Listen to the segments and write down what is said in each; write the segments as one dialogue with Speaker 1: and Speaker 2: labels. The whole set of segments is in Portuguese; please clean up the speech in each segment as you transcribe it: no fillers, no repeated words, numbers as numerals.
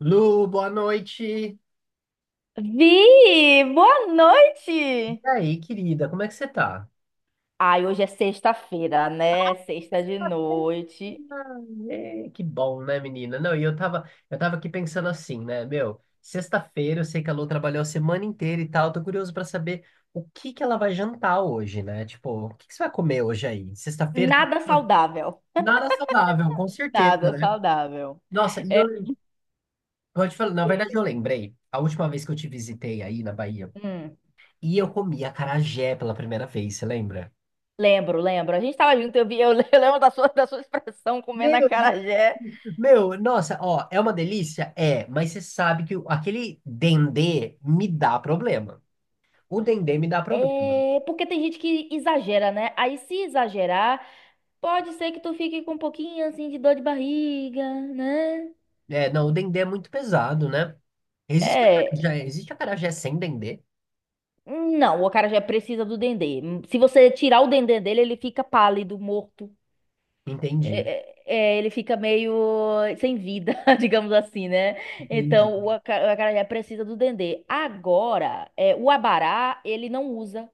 Speaker 1: Lu, boa noite. E
Speaker 2: Vi, boa noite.
Speaker 1: aí, querida, como é que você tá?
Speaker 2: Ai, hoje é sexta-feira, né? Sexta de noite.
Speaker 1: É, que bom, né, menina? Não, e eu tava aqui pensando assim, né, meu, sexta-feira, eu sei que a Lu trabalhou a semana inteira e tal, tô curioso pra saber o que que ela vai jantar hoje, né? Tipo, o que que você vai comer hoje aí? Sexta-feira,
Speaker 2: Nada saudável.
Speaker 1: nada saudável, com certeza,
Speaker 2: Nada
Speaker 1: né?
Speaker 2: saudável.
Speaker 1: Nossa, e eu vou te falar, na verdade eu lembrei, a última vez que eu te visitei aí na Bahia,
Speaker 2: Hum,
Speaker 1: e eu comi acarajé pela primeira vez, você lembra?
Speaker 2: Lembro, lembro. A gente tava junto, eu vi, eu lembro da sua expressão comendo
Speaker 1: Meu, de-
Speaker 2: acarajé.
Speaker 1: meu, nossa, ó, é uma delícia? É, mas você sabe que aquele dendê me dá problema. O dendê me dá problema.
Speaker 2: É, porque tem gente que exagera, né? Aí se exagerar, pode ser que tu fique com um pouquinho assim de dor de barriga, né?
Speaker 1: É, não, o dendê é muito pesado, né?
Speaker 2: É,
Speaker 1: Existe acarajé sem dendê?
Speaker 2: não, o acarajé precisa do dendê. Se você tirar o dendê dele, ele fica pálido, morto.
Speaker 1: Entendi,
Speaker 2: É, ele fica meio sem vida, digamos assim, né?
Speaker 1: entendi.
Speaker 2: Então, o acarajé precisa do dendê. Agora, é, o abará, ele não usa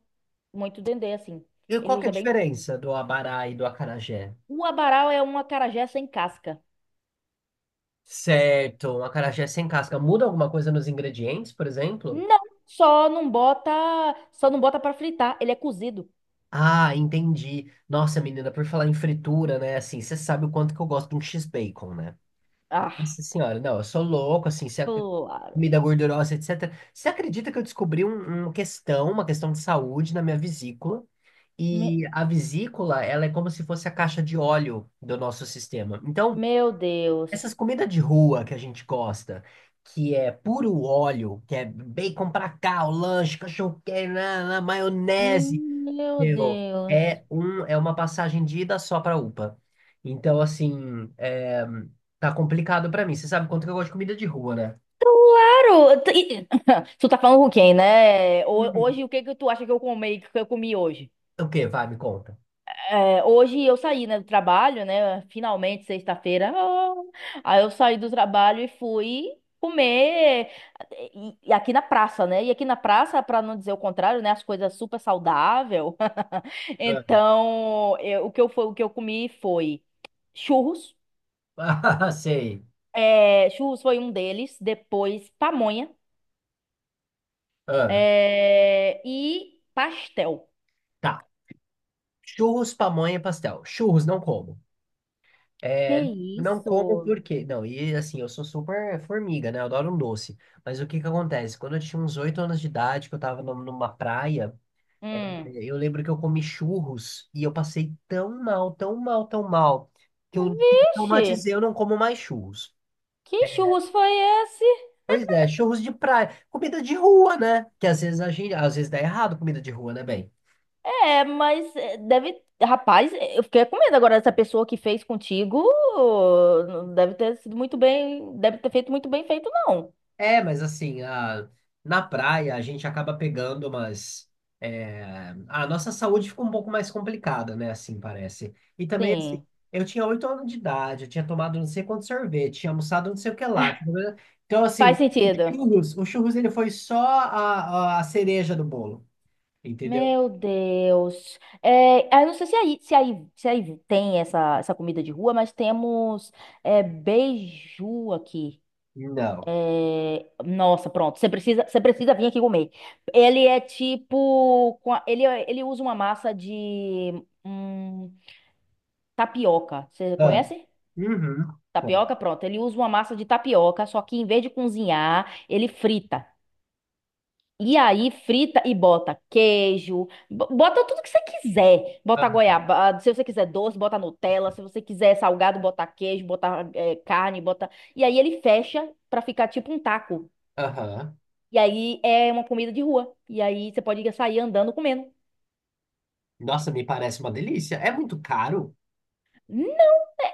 Speaker 2: muito dendê, assim.
Speaker 1: E
Speaker 2: Ele
Speaker 1: qual que é
Speaker 2: usa
Speaker 1: a
Speaker 2: bem pouco.
Speaker 1: diferença do abará e do acarajé?
Speaker 2: O abará é um acarajé sem casca.
Speaker 1: Certo, um acarajé sem casca. Muda alguma coisa nos ingredientes, por exemplo?
Speaker 2: Não, só não bota, só não bota para fritar. Ele é cozido.
Speaker 1: Ah, entendi. Nossa, menina, por falar em fritura, né? Assim, você sabe o quanto que eu gosto de um X-bacon, né?
Speaker 2: Ah,
Speaker 1: Nossa senhora, não, eu sou louco, assim, se a
Speaker 2: claro.
Speaker 1: comida gordurosa, etc. Você acredita que eu descobri uma questão de saúde na minha vesícula?
Speaker 2: Me-
Speaker 1: E a vesícula, ela é como se fosse a caixa de óleo do nosso sistema. Então,
Speaker 2: Meu Deus.
Speaker 1: essas comidas de rua que a gente gosta, que é puro óleo, que é bacon pra cá, o lanche, cachorro quente, na maionese,
Speaker 2: Meu
Speaker 1: meu,
Speaker 2: Deus.
Speaker 1: é uma passagem de ida só pra UPA. Então, assim, é, tá complicado pra mim. Você sabe quanto que eu gosto de comida de rua, né?
Speaker 2: Claro, tu tá falando com quem, né?
Speaker 1: Hum.
Speaker 2: Hoje, o que que tu acha que eu comi hoje?
Speaker 1: O quê? Vai, me conta.
Speaker 2: É, hoje eu saí, né, do trabalho, né? Finalmente, sexta-feira. Ah, aí eu saí do trabalho e fui comer e, aqui na praça, né? E aqui na praça, pra não dizer o contrário, né? As coisas super saudável.
Speaker 1: Ah,
Speaker 2: Então, o que eu comi foi churros.
Speaker 1: sei.
Speaker 2: É, churros foi um deles. Depois, pamonha.
Speaker 1: Ah,
Speaker 2: É, e pastel.
Speaker 1: tá. Churros, pamonha e pastel. Churros, não como.
Speaker 2: Que
Speaker 1: É, não como
Speaker 2: isso?
Speaker 1: porque... Não, e assim, eu sou super formiga, né? Eu adoro um doce. Mas o que que acontece? Quando eu tinha uns oito anos de idade, que eu tava numa praia... É,
Speaker 2: Hum.
Speaker 1: eu lembro que eu comi churros e eu passei tão mal, tão mal, tão mal, que eu
Speaker 2: Vixe,
Speaker 1: traumatizei, eu não como mais churros.
Speaker 2: que churros foi esse?
Speaker 1: Pois é, churros de praia, comida de rua, né? Que às vezes a gente, às vezes dá errado comida de rua, né, bem?
Speaker 2: É, mas é, deve. Rapaz, eu fiquei com medo agora dessa pessoa que fez contigo. Ô, não deve ter sido muito bem. Deve ter feito muito bem feito, não.
Speaker 1: É, mas assim, a, na praia a gente acaba pegando umas. É, a nossa saúde fica um pouco mais complicada, né? Assim parece. E também, assim,
Speaker 2: Sim,
Speaker 1: eu tinha oito anos de idade, eu tinha tomado não sei quanto sorvete, tinha almoçado não sei o que lá. Então,
Speaker 2: faz
Speaker 1: assim, o
Speaker 2: sentido.
Speaker 1: churros, o churros ele foi só a cereja do bolo, entendeu?
Speaker 2: Meu Deus. É, ah, eu não sei se aí, tem essa comida de rua, mas temos, beiju aqui.
Speaker 1: Não.
Speaker 2: É, nossa, pronto. Você precisa vir aqui comer. Ele é tipo, com a- ele, é- ele usa uma massa de hum, tapioca. Você
Speaker 1: Ah,
Speaker 2: conhece?
Speaker 1: uhum. Foi.
Speaker 2: Tapioca, pronto. Ele usa uma massa de tapioca, só que em vez de cozinhar, ele frita. E aí frita e bota queijo, bota tudo que você quiser. Bota
Speaker 1: Ah,
Speaker 2: goiabada, se você quiser doce, bota Nutella, se você quiser salgado, bota queijo, bota, carne, bota. E aí ele fecha pra ficar tipo um taco.
Speaker 1: aham.
Speaker 2: E aí é uma comida de rua. E aí você pode sair andando comendo.
Speaker 1: Nossa, me parece uma delícia. É muito caro.
Speaker 2: Não,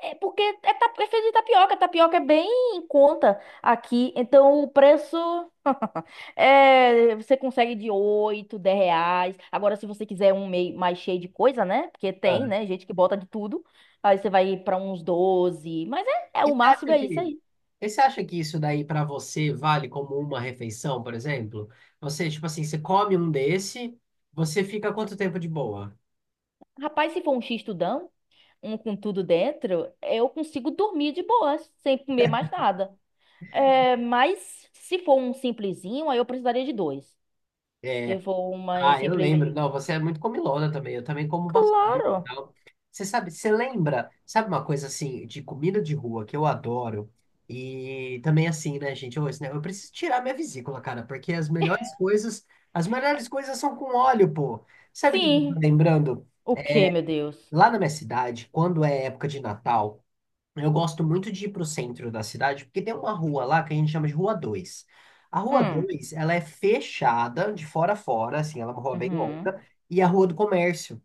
Speaker 2: é porque é feito de tapioca. Tapioca é bem em conta aqui. Então o preço você consegue de 8, 10 reais. Agora, se você quiser um meio mais cheio de coisa, né? Porque tem, né? Gente que bota de tudo. Aí você vai pra uns 12. Mas é
Speaker 1: E
Speaker 2: o
Speaker 1: você
Speaker 2: máximo
Speaker 1: acha
Speaker 2: é isso
Speaker 1: que,
Speaker 2: aí.
Speaker 1: e você acha que isso daí para você vale como uma refeição, por exemplo? Você, tipo assim, você come um desse, você fica quanto tempo de boa?
Speaker 2: Rapaz, se for um x-tudão, um com tudo dentro, eu consigo dormir de boas, sem comer mais nada. É, mas se for um simplesinho, aí eu precisaria de dois. Se
Speaker 1: É,
Speaker 2: for um mais
Speaker 1: ah, eu lembro.
Speaker 2: simplesinho.
Speaker 1: Não, você é muito comilona também. Eu também como bastante e
Speaker 2: Claro.
Speaker 1: tal. Você sabe, você lembra, sabe uma coisa assim, de comida de rua que eu adoro? E também assim, né, gente? Eu, eu preciso tirar minha vesícula, cara, porque as melhores coisas são com óleo, pô. Sabe o que que eu tô
Speaker 2: Sim.
Speaker 1: lembrando?
Speaker 2: O quê, meu Deus?
Speaker 1: Lá na minha cidade, quando é época de Natal, eu gosto muito de ir pro centro da cidade, porque tem uma rua lá que a gente chama de Rua dois. A Rua
Speaker 2: Hum.
Speaker 1: dois, ela é fechada de fora a fora, assim, ela é uma rua bem
Speaker 2: Uhum.
Speaker 1: longa, e é a Rua do Comércio.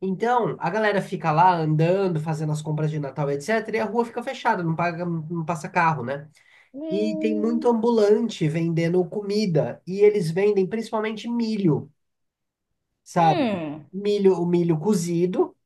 Speaker 1: Então, a galera fica lá andando, fazendo as compras de Natal, etc., e a rua fica fechada, não paga, não passa carro, né? E tem muito
Speaker 2: Hum.
Speaker 1: ambulante vendendo comida, e eles vendem principalmente milho, sabe?
Speaker 2: Hum.
Speaker 1: Milho, o milho cozido,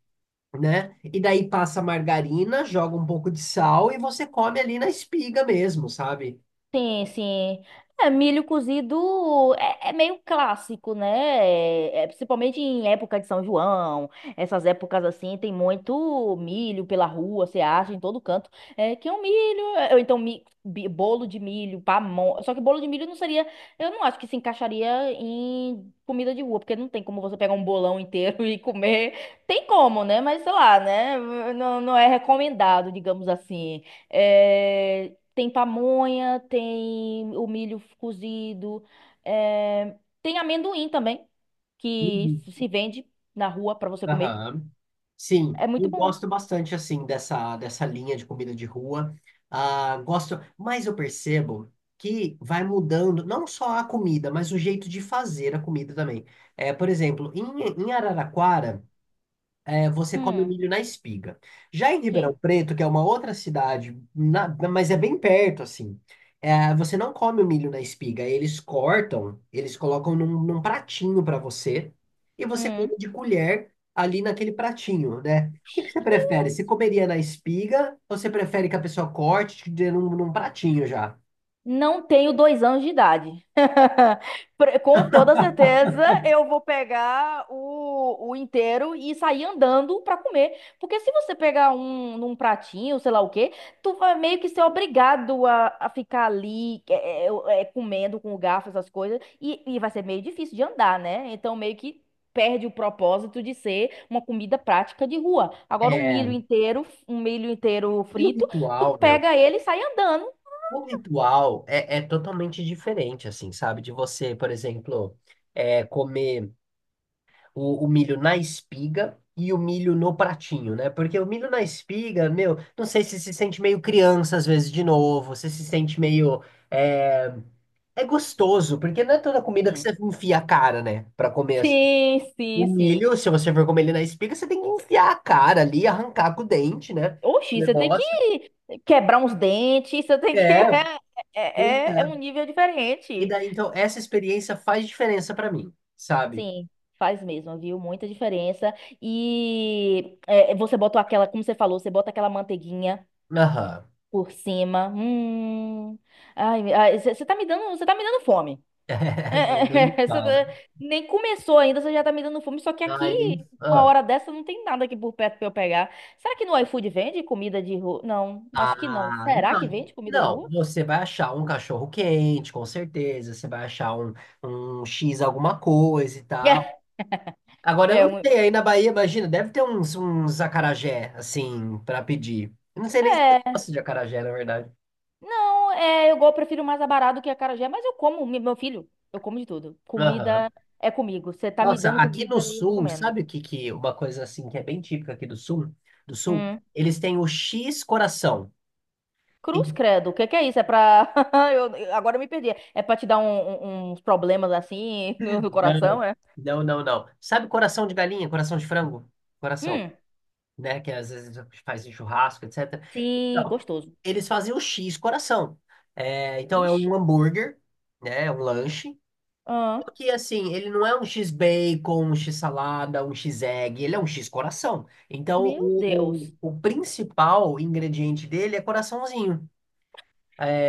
Speaker 1: né? E daí passa margarina, joga um pouco de sal e você come ali na espiga mesmo, sabe?
Speaker 2: Sim, sim. É, milho cozido é meio clássico, né? É, principalmente em época de São João, essas épocas assim, tem muito milho pela rua, você acha em todo canto. É, que é um milho, ou então bolo de milho, pamonha. Só que bolo de milho não seria, eu não acho que se encaixaria em comida de rua, porque não tem como você pegar um bolão inteiro e comer. Tem como, né? Mas sei lá, né? Não, não é recomendado, digamos assim. É, tem pamonha, tem o milho cozido, tem amendoim também, que
Speaker 1: Uhum.
Speaker 2: se vende na rua pra você comer.
Speaker 1: Aham. Sim,
Speaker 2: É
Speaker 1: eu
Speaker 2: muito bom.
Speaker 1: gosto bastante assim dessa linha de comida de rua. Ah, gosto, mas eu percebo que vai mudando não só a comida, mas o jeito de fazer a comida também. É, por exemplo, em Araraquara, é, você come
Speaker 2: Hum,
Speaker 1: milho na espiga. Já em Ribeirão
Speaker 2: sim.
Speaker 1: Preto, que é uma outra cidade, mas é bem perto, assim, é, você não come o milho na espiga. Eles cortam, eles colocam num pratinho para você e você
Speaker 2: Hum.
Speaker 1: come de colher ali naquele pratinho, né? O que que você prefere? Você comeria na espiga ou você prefere que a pessoa corte e te dê num pratinho já?
Speaker 2: Não tenho 2 anos de idade. Com toda certeza, eu vou pegar o inteiro e sair andando pra comer. Porque se você pegar um num pratinho, sei lá o quê, tu vai meio que ser obrigado a ficar ali, comendo com o garfo, essas coisas. E vai ser meio difícil de andar, né? Então, meio que perde o propósito de ser uma comida prática de rua. Agora, um milho inteiro
Speaker 1: E o
Speaker 2: frito, tu
Speaker 1: ritual, meu?
Speaker 2: pega ele e sai andando.
Speaker 1: O ritual é, é totalmente diferente, assim, sabe? De você, por exemplo, é, comer o milho na espiga e o milho no pratinho, né? Porque o milho na espiga, meu, não sei se se sente meio criança às vezes de novo, você se sente meio. É, é gostoso, porque não é toda comida que
Speaker 2: Sim.
Speaker 1: você enfia a cara, né? Pra comer, assim.
Speaker 2: Sim,
Speaker 1: O
Speaker 2: sim, sim.
Speaker 1: milho, se você for comer ele na espiga, você tem que enfiar a cara ali, arrancar com o dente, né? O
Speaker 2: Oxi, você tem
Speaker 1: negócio.
Speaker 2: que quebrar uns dentes, você tem que.
Speaker 1: É, pois
Speaker 2: É um
Speaker 1: é.
Speaker 2: nível
Speaker 1: E
Speaker 2: diferente.
Speaker 1: daí, então, essa experiência faz diferença pra mim, sabe?
Speaker 2: Sim, faz mesmo, viu? Muita diferença. E, você botou aquela, como você falou, você bota aquela manteiguinha
Speaker 1: Aham.
Speaker 2: por cima. Hum. Ai, ai, você tá me dando, você tá me dando fome.
Speaker 1: Não, nem me
Speaker 2: É, essa
Speaker 1: fala.
Speaker 2: nem começou ainda, você já tá me dando fome. Só que aqui,
Speaker 1: Ai, nem me
Speaker 2: uma
Speaker 1: fala.
Speaker 2: hora dessa, não tem nada aqui por perto pra eu pegar. Será que no iFood vende comida de rua? Não, acho que não.
Speaker 1: Ah,
Speaker 2: Será que
Speaker 1: não.
Speaker 2: vende comida de
Speaker 1: Não,
Speaker 2: rua?
Speaker 1: você vai achar um cachorro quente, com certeza. Você vai achar um, um X alguma coisa e tal. Agora, eu
Speaker 2: É,
Speaker 1: não
Speaker 2: um,
Speaker 1: sei, aí na Bahia, imagina, deve ter uns acarajé, assim, pra pedir. Eu não sei nem se eu
Speaker 2: é.
Speaker 1: gosto de acarajé, na verdade.
Speaker 2: Não, eu prefiro mais abará do que acarajé, mas eu como, meu filho, eu como de tudo.
Speaker 1: Aham.
Speaker 2: Comida é comigo. Você tá me
Speaker 1: Nossa,
Speaker 2: dando
Speaker 1: aqui no
Speaker 2: comida e eu tô
Speaker 1: sul,
Speaker 2: comendo.
Speaker 1: sabe o que, que uma coisa assim que é bem típica aqui do sul? Do sul,
Speaker 2: Hum.
Speaker 1: eles têm o X coração.
Speaker 2: Cruz
Speaker 1: E-
Speaker 2: credo, o que que é isso? É pra. Agora eu me perdi. É pra te dar uns problemas assim no
Speaker 1: Não,
Speaker 2: coração, é?
Speaker 1: não, não, não. Sabe coração de galinha, coração de frango? Coração,
Speaker 2: Hum.
Speaker 1: né? Que às vezes faz em churrasco, etc.
Speaker 2: Sim,
Speaker 1: Então,
Speaker 2: gostoso.
Speaker 1: eles fazem o X coração. É, então é
Speaker 2: Ux,
Speaker 1: um hambúrguer, né? É um lanche.
Speaker 2: ah,
Speaker 1: Que assim, ele não é um X bacon, um X salada, um X egg, ele é um X coração. Então
Speaker 2: meu
Speaker 1: o,
Speaker 2: Deus.
Speaker 1: o, o principal ingrediente dele é coraçãozinho.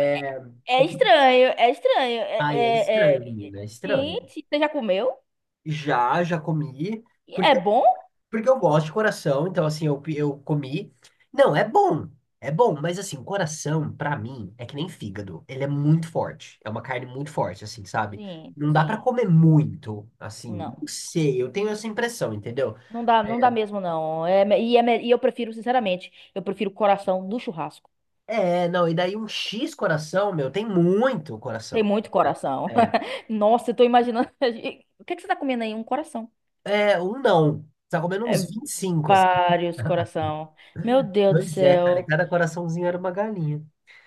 Speaker 2: É, é estranho, é estranho. É,
Speaker 1: ai, é
Speaker 2: é,
Speaker 1: estranho,
Speaker 2: é- é-
Speaker 1: menina, é estranho.
Speaker 2: Gente, você já comeu?
Speaker 1: Já, já comi,
Speaker 2: E é
Speaker 1: porque
Speaker 2: bom?
Speaker 1: porque eu gosto de coração, então assim, eu comi. Não, é bom. É bom, mas assim, coração, pra mim, é que nem fígado. Ele é muito forte. É uma carne muito forte, assim, sabe?
Speaker 2: Sim,
Speaker 1: Não dá pra
Speaker 2: sim.
Speaker 1: comer muito, assim. Não
Speaker 2: Não.
Speaker 1: sei, eu tenho essa impressão, entendeu?
Speaker 2: Não dá, não dá mesmo, não. É, e eu prefiro, sinceramente, eu prefiro o coração do churrasco.
Speaker 1: É, não, e daí um X coração, meu, tem muito
Speaker 2: Tem
Speaker 1: coração.
Speaker 2: muito coração.
Speaker 1: É,
Speaker 2: Nossa, eu tô imaginando. O que é que você tá comendo aí? Um coração.
Speaker 1: é, não. Você tá comendo
Speaker 2: É,
Speaker 1: uns 25, assim.
Speaker 2: vários coração. Meu Deus do
Speaker 1: Pois é, cara, e
Speaker 2: céu.
Speaker 1: cada coraçãozinho era uma galinha.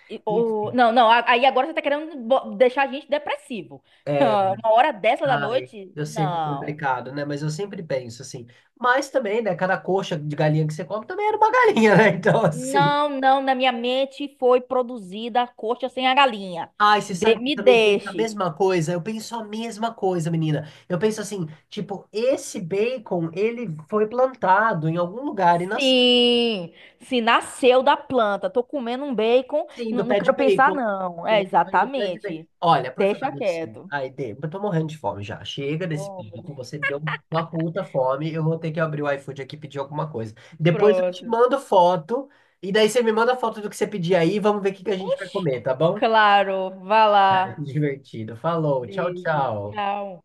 Speaker 1: Enfim,
Speaker 2: Não, não, aí agora você tá querendo deixar a gente depressivo.
Speaker 1: é,
Speaker 2: Uma hora dessa da
Speaker 1: ai,
Speaker 2: noite?
Speaker 1: eu sei que é
Speaker 2: Não.
Speaker 1: complicado, né? Mas eu sempre penso assim. Mas também, né? Cada coxa de galinha que você come também era uma galinha, né? Então, assim.
Speaker 2: Não, não, na minha mente foi produzida a coxa sem a galinha.
Speaker 1: Ai, você sabe que eu
Speaker 2: Me
Speaker 1: também penso a
Speaker 2: deixe.
Speaker 1: mesma coisa? Eu penso a mesma coisa, menina. Eu penso assim, tipo, esse bacon, ele foi plantado em algum lugar e nasceu.
Speaker 2: Sim, se nasceu da planta. Tô comendo um bacon,
Speaker 1: Sim, do
Speaker 2: não, não
Speaker 1: pé de
Speaker 2: quero pensar,
Speaker 1: bacon.
Speaker 2: não. É,
Speaker 1: Bacon vem do pé de bacon.
Speaker 2: exatamente.
Speaker 1: Olha, por
Speaker 2: Deixa
Speaker 1: favor, assim.
Speaker 2: quieto.
Speaker 1: Ai, Dê, eu tô morrendo de fome já. Chega desse
Speaker 2: Oh, meu
Speaker 1: papo,
Speaker 2: Deus.
Speaker 1: você deu uma puta fome. Eu vou ter que abrir o iFood aqui e pedir alguma coisa. Depois eu te
Speaker 2: Pronto.
Speaker 1: mando foto. E daí você me manda foto do que você pedir aí. Vamos ver o que que a gente vai
Speaker 2: Oxi.
Speaker 1: comer, tá bom?
Speaker 2: Claro, vá lá.
Speaker 1: Divertido. Falou, tchau,
Speaker 2: Beijo.
Speaker 1: tchau.
Speaker 2: Tchau.